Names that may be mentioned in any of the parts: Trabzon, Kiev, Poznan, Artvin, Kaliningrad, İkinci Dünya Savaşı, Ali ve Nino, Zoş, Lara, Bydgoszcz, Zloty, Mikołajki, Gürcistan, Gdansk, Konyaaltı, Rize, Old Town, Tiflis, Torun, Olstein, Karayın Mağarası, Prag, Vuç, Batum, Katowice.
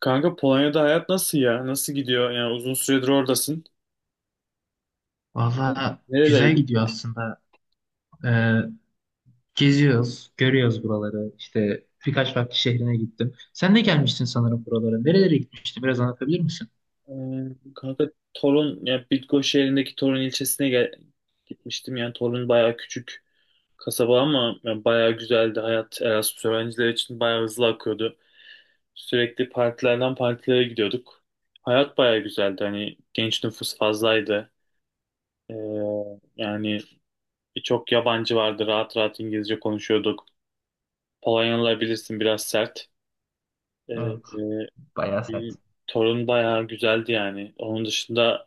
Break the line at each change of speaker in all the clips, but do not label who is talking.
Kanka Polonya'da hayat nasıl ya? Nasıl gidiyor? Yani uzun süredir oradasın.
Valla
Nerelere
güzel
gittin?
gidiyor aslında. Ee, Geziyoruz, görüyoruz buraları. İşte birkaç farklı şehrine gittim. Sen de gelmiştin sanırım buralara. Nerelere gitmiştin? Biraz anlatabilir misin?
Kanka, Torun, yani Bydgoszcz şehrindeki Torun ilçesine gitmiştim. Yani Torun bayağı küçük kasaba ama yani bayağı güzeldi. Hayat Erasmus öğrencileri için bayağı hızlı akıyordu. Sürekli partilerden partilere gidiyorduk. Hayat bayağı güzeldi. Hani genç nüfus fazlaydı. Ee, yani birçok yabancı vardı. Rahat rahat İngilizce konuşuyorduk. Polonyalılar bilirsin biraz sert. Ee,
Evet,
Hmm.
bayağı sert.
Torun bayağı güzeldi yani. Onun dışında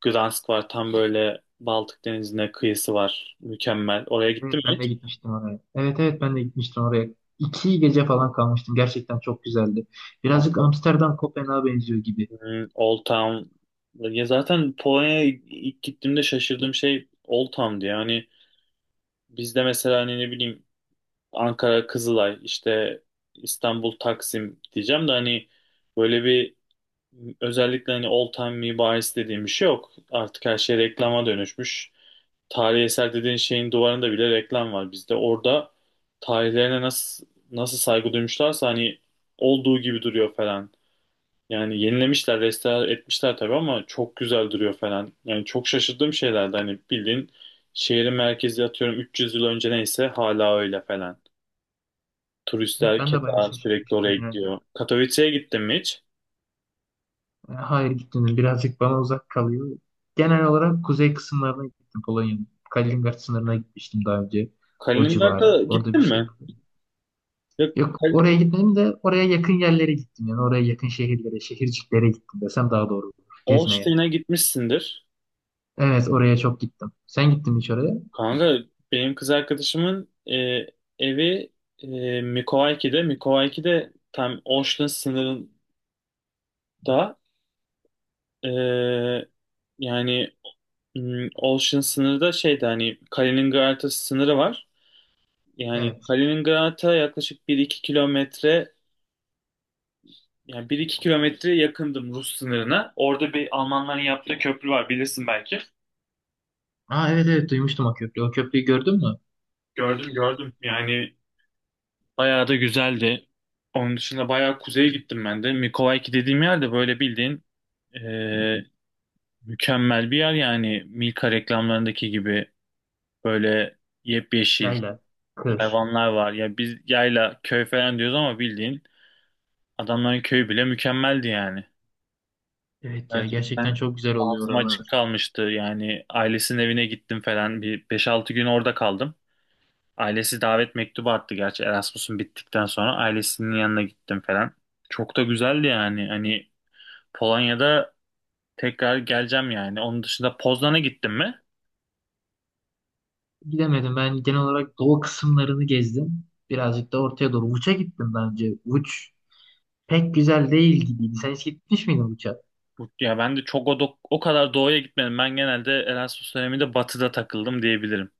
Gdansk var. Tam böyle Baltık Denizi'ne kıyısı var. Mükemmel. Oraya gittim
Evet,
mi
ben de
hiç?
gitmiştim oraya. Evet, evet ben de gitmiştim oraya. İki gece falan kalmıştım. Gerçekten çok güzeldi. Birazcık
Kanka,
Amsterdam Kopenhag'a benziyor gibi.
Old Town. Ya zaten Polonya'ya ilk gittiğimde şaşırdığım şey Old Town'du. Yani bizde mesela hani ne bileyim Ankara Kızılay, işte İstanbul Taksim diyeceğim de hani böyle bir özellikle hani Old Town mimarisi dediğim bir şey yok. Artık her şey reklama dönüşmüş. Tarihi eser dediğin şeyin duvarında bile reklam var bizde. Orada tarihlerine nasıl saygı duymuşlarsa hani olduğu gibi duruyor falan. Yani yenilemişler, restore etmişler tabii ama çok güzel duruyor falan. Yani çok şaşırdığım şeylerdi hani bildiğin şehrin merkezi atıyorum 300 yıl önce neyse hala öyle falan.
Evet,
Turistler
ben de bayağı
keza sürekli
şaşırmıştım
oraya
yani.
gidiyor. Katowice'ye gittin mi hiç?
Hayır gitmedim. Birazcık bana uzak kalıyor. Genel olarak kuzey kısımlarına gittim Polonya'nın. Kaliningrad sınırına gitmiştim daha önce. O
Kaliningrad'a
civara. Orada bir
gittin
şey
mi?
yapıyor.
Ya,
Yok
Kal-
oraya gitmedim de oraya yakın yerlere gittim. Yani oraya yakın şehirlere, şehirciklere gittim desem daha doğru olur. Gezmeye.
Olstein'e gitmişsindir.
Evet oraya çok gittim. Sen gittin mi hiç oraya?
Kanka, benim kız arkadaşımın evi Mikowaiki'de. Mikowaiki'de tam Ocean sınırında e, yani Ocean sınırı da şeyde hani Kaliningrad'a sınırı var. Yani
Evet.
Kaliningrad'a yaklaşık bir iki kilometre yakındım Rus sınırına. Orada bir Almanların yaptığı köprü var bilirsin belki.
Aa evet evet duymuştum o köprüyü. O köprüyü gördün mü?
Gördüm, gördüm yani. Bayağı da güzeldi. Onun dışında bayağı kuzeye gittim ben de. Mikołajki dediğim yerde böyle bildiğin eee, mükemmel bir yer yani Milka reklamlarındaki gibi böyle yepyeşil
Yayla. Kır.
hayvanlar var. Ya biz yayla köy falan diyoruz ama bildiğin adamların köyü bile mükemmeldi yani.
Evet ya gerçekten
Gerçekten
çok güzel oluyor
ağzım açık
oralar.
kalmıştı yani ailesinin evine gittim falan bir beş altı gün orada kaldım. Ailesi davet mektubu attı gerçi Erasmus'un bittikten sonra ailesinin yanına gittim falan. Çok da güzeldi yani. Hani Polonya'da tekrar geleceğim yani. Onun dışında Poznan'a gittim mi?
Gidemedim. Ben genel olarak doğu kısımlarını gezdim. Birazcık da ortaya doğru. Vuç'a gittim daha önce. Vuç pek güzel değil gibiydi. Sen hiç gitmiş miydin Vuç'a?
Ya ben de çok o kadar doğuya gitmedim. Ben genelde Erasmus döneminde batıda takıldım diyebilirim.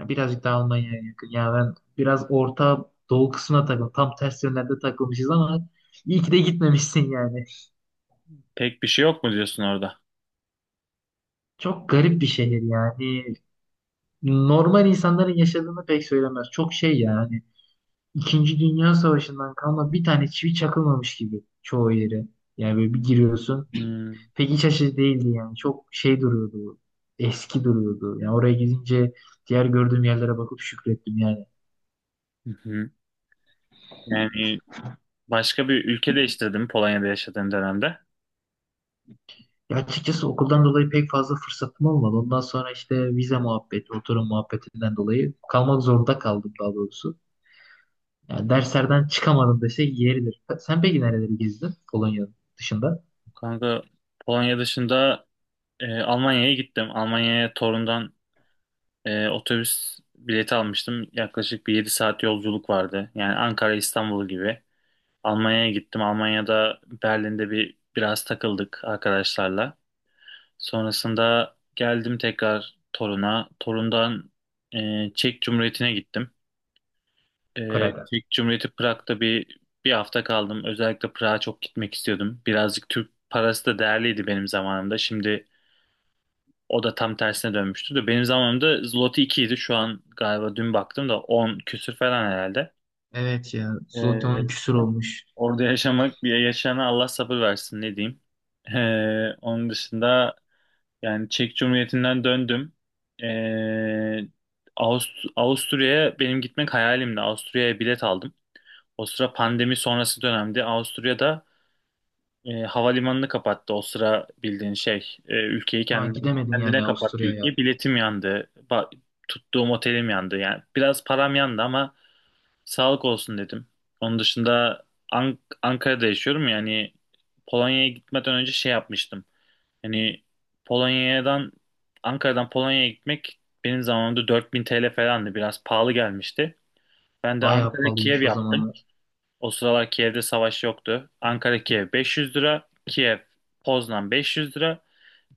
Ya birazcık daha Almanya'ya yakın. Ya ben biraz orta doğu kısmına takıldım. Tam ters yönlerde takılmışız ama iyi ki de gitmemişsin yani.
Pek bir şey yok mu diyorsun orada?
Çok garip bir şehir yani. Normal insanların yaşadığını pek söylemez. Çok şey yani. İkinci Dünya Savaşı'ndan kalma bir tane çivi çakılmamış gibi çoğu yeri. Yani böyle bir giriyorsun.
Hmm.
Pek iç açıcı değildi yani. Çok şey duruyordu. Eski duruyordu. Yani oraya gidince diğer gördüğüm yerlere bakıp şükrettim yani.
Hı hı. Yani başka bir ülke değiştirdim Polonya'da yaşadığım dönemde.
Ya açıkçası okuldan dolayı pek fazla fırsatım olmadı. Ondan sonra işte vize muhabbeti, oturum muhabbetinden dolayı kalmak zorunda kaldım daha doğrusu. Yani derslerden çıkamadım dese yeridir. Sen peki nereleri gezdin Polonya dışında?
Kanka, Polonya dışında Almanya'ya gittim. Almanya'ya torundan otobüs bileti almıştım. Yaklaşık bir 7 saat yolculuk vardı. Yani Ankara İstanbul gibi. Almanya'ya gittim. Almanya'da Berlin'de biraz takıldık arkadaşlarla. Sonrasında geldim tekrar Torun'a. Torun'dan Çek Cumhuriyeti'ne gittim.
Praga.
Çek Cumhuriyeti Prag'da bir hafta kaldım. Özellikle Prag'a çok gitmek istiyordum. Birazcık Türk parası da değerliydi benim zamanımda. Şimdi o da tam tersine dönmüştü de benim zamanımda Zloty 2 idi. Şu an galiba dün baktım da 10 küsür falan herhalde.
Evet ya. Zloty 10
Ee,
küsur olmuş.
Orada yaşamak bir yaşayana Allah sabır versin ne diyeyim. Onun dışında yani Çek Cumhuriyeti'nden döndüm. Ee, Avust Avusturya'ya benim gitmek hayalimdi. Avusturya'ya bilet aldım. O sıra pandemi sonrası dönemdi. Avusturya'da havalimanını kapattı o sıra bildiğin şey. Ülkeyi
Ha gidemedin
kendine
yani
kapattı
Avusturya'ya.
ülkeyi. Biletim yandı. Tuttuğum otelim yandı. Yani biraz param yandı ama sağlık olsun dedim. Onun dışında Ankara'da yaşıyorum yani Polonya'ya gitmeden önce şey yapmıştım. Yani Polonya'dan Ankara'dan Polonya'ya gitmek benim zamanımda 4.000 TL falandı. Biraz pahalı gelmişti. Ben de
Bayağı
Ankara Kiev
pahalıymış o
yaptım.
zamanlar.
O sıralar Kiev'de savaş yoktu. Ankara Kiev 500 lira. Kiev Poznan 500 lira.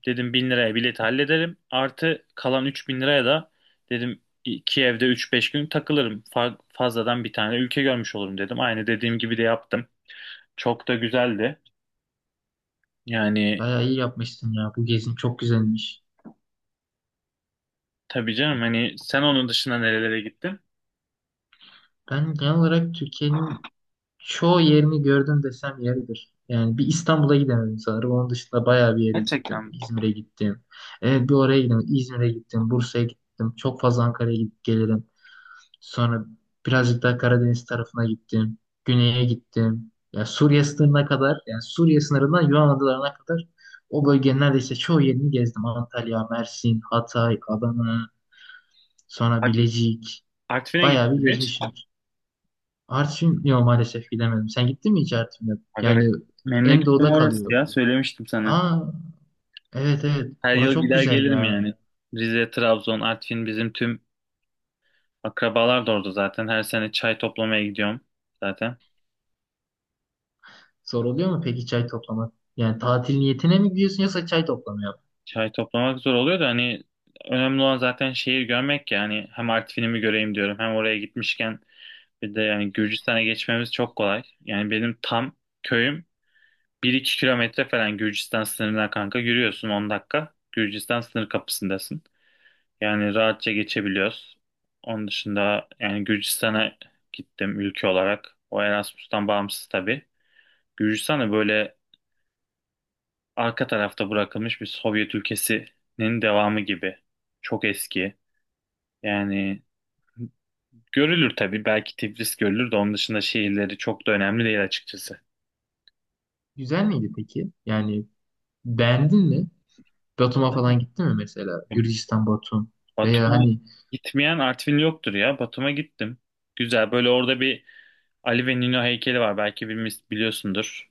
Dedim 1000 liraya bilet hallederim. Artı kalan 3000 liraya da dedim Kiev'de 3-5 gün takılırım. Fazladan bir tane ülke görmüş olurum dedim. Aynı dediğim gibi de yaptım. Çok da güzeldi. Yani
Bayağı iyi yapmışsın ya. Bu gezin çok güzelmiş.
tabii canım hani sen onun dışında nerelere gittin?
Ben genel olarak Türkiye'nin çoğu yerini gördüm desem yeridir. Yani bir İstanbul'a gidemedim sanırım. Onun dışında bayağı bir yere gittim.
Gerçekten.
İzmir'e gittim. Evet, bir oraya gittim. İzmir'e gittim. Bursa'ya gittim. Çok fazla Ankara'ya gidip gelirim. Sonra birazcık daha Karadeniz tarafına gittim. Güney'e gittim. Yani Suriye sınırına kadar, yani Suriye sınırından Yunan adalarına kadar o bölgenin neredeyse çoğu yerini gezdim. Antalya, Mersin, Hatay, Adana, sonra
Ar-
Bilecik.
Artvin'e
Bayağı bir
gittim hiç.
gezmişim. Artvin yok maalesef gidemedim. Sen gittin mi hiç Artvin'e?
Aga be.
Yani en
Memleketim
doğuda
orası
kalıyor.
ya söylemiştim sana.
Aa evet evet.
Her yıl
Orası çok
gider
güzel
gelirim
ya.
yani. Rize, Trabzon, Artvin bizim tüm akrabalar da orada zaten. Her sene çay toplamaya gidiyorum zaten.
Zor oluyor mu peki çay toplamak? Yani tatil niyetine mi gidiyorsun yoksa çay toplamaya mı?
Çay toplamak zor oluyor da hani önemli olan zaten şehir görmek ya. Hani hem Artvin'imi göreyim diyorum hem oraya gitmişken bir de yani Gürcistan'a geçmemiz çok kolay. Yani benim tam köyüm bir iki kilometre falan Gürcistan sınırına kanka yürüyorsun 10 dakika. Gürcistan sınır kapısındasın. Yani rahatça geçebiliyoruz. Onun dışında yani Gürcistan'a gittim ülke olarak. O Erasmus'tan bağımsız tabii. Gürcistan da böyle arka tarafta bırakılmış bir Sovyet ülkesinin devamı gibi. Çok eski. Yani görülür tabii. Belki Tiflis görülür de onun dışında şehirleri çok da önemli değil açıkçası.
Güzel miydi peki? Yani beğendin mi? Batum'a falan gittin mi mesela? Gürcistan, Batum veya
Batum'a
hani
gitmeyen Artvin yoktur ya. Batum'a gittim. Güzel. Böyle orada bir Ali ve Nino heykeli var. Belki biliyorsundur.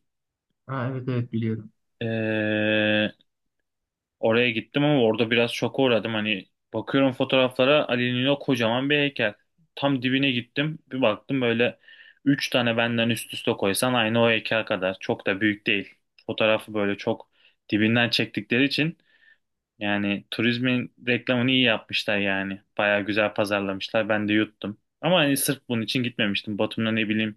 aa, evet evet biliyorum.
Ee, Oraya gittim ama orada biraz şoka uğradım. Hani bakıyorum fotoğraflara Ali'nin o kocaman bir heykel. Tam dibine gittim. Bir baktım böyle üç tane benden üst üste koysan aynı o heykel kadar. Çok da büyük değil. Fotoğrafı böyle çok dibinden çektikleri için yani turizmin reklamını iyi yapmışlar yani. Baya güzel pazarlamışlar. Ben de yuttum. Ama hani sırf bunun için gitmemiştim. Batum'da ne bileyim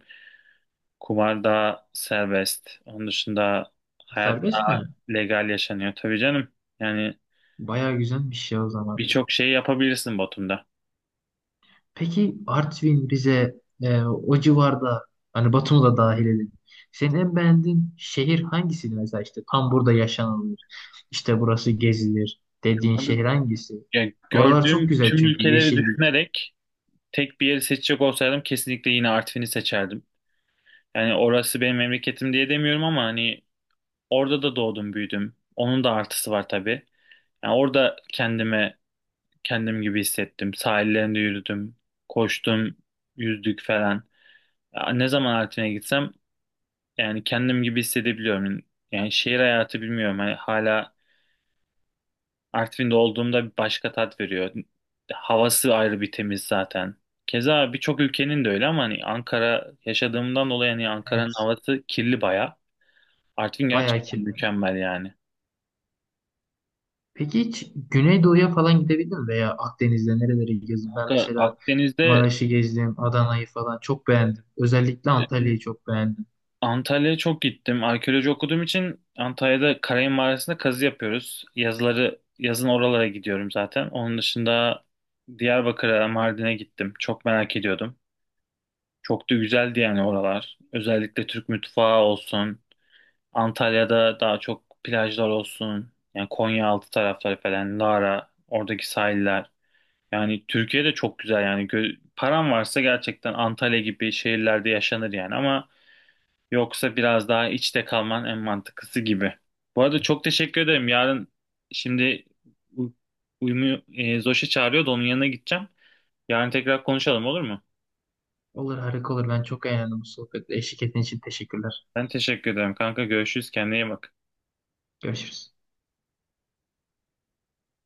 kumar daha serbest. Onun dışında hayat
Serbest
daha
mi?
legal yaşanıyor. Tabii canım. Yani
Bayağı güzelmiş ya o zaman.
birçok şey yapabilirsin Batum'da.
Peki Artvin, Rize, o civarda hani Batum'u da dahil edin. Senin en beğendiğin şehir hangisiydi mesela işte tam burada yaşanılır. İşte burası gezilir dediğin
Abi,
şehir hangisi?
yani
Oralar çok
gördüğüm
güzel
tüm
çünkü
ülkeleri
yeşillik.
düşünerek tek bir yeri seçecek olsaydım kesinlikle yine Artvin'i seçerdim. Yani orası benim memleketim diye demiyorum ama hani orada da doğdum büyüdüm. Onun da artısı var tabii. Yani orada kendim gibi hissettim. Sahillerinde yürüdüm, koştum, yüzdük falan. Ya ne zaman Artvin'e gitsem yani kendim gibi hissedebiliyorum. Yani şehir hayatı bilmiyorum. Hani hala Artvin'de olduğumda bir başka tat veriyor. Havası ayrı bir temiz zaten. Keza birçok ülkenin de öyle ama hani Ankara yaşadığımdan dolayı hani Ankara'nın
Evet,
havası kirli baya. Artvin
bayağı
gerçekten
kirlendi.
mükemmel yani.
Peki hiç Güneydoğu'ya falan gidebildin mi? Veya Akdeniz'de nereleri gezdin? Ben
Kanka
mesela
Akdeniz'de
Maraş'ı gezdim, Adana'yı falan çok beğendim. Özellikle
e,
Antalya'yı çok beğendim.
Antalya'ya çok gittim. Arkeoloji okuduğum için Antalya'da Karayın Mağarası'nda kazı yapıyoruz. Yazın oralara gidiyorum zaten. Onun dışında Diyarbakır'a, Mardin'e gittim. Çok merak ediyordum. Çok da güzeldi yani oralar. Özellikle Türk mutfağı olsun. Antalya'da daha çok plajlar olsun. Yani Konyaaltı tarafları falan, Lara, oradaki sahiller. Yani Türkiye'de çok güzel yani. Paran varsa gerçekten Antalya gibi şehirlerde yaşanır yani ama yoksa biraz daha içte kalman en mantıklısı gibi. Bu arada çok teşekkür ederim. Yarın, şimdi u- uyumu Zoş'a çağırıyor da onun yanına gideceğim. Yarın tekrar konuşalım olur mu?
Olur harika olur. Ben çok eğlendim bu sohbetle. Eşlik ettiğin için teşekkürler.
Ben teşekkür ederim kanka. Görüşürüz. Kendine iyi bak.
Görüşürüz.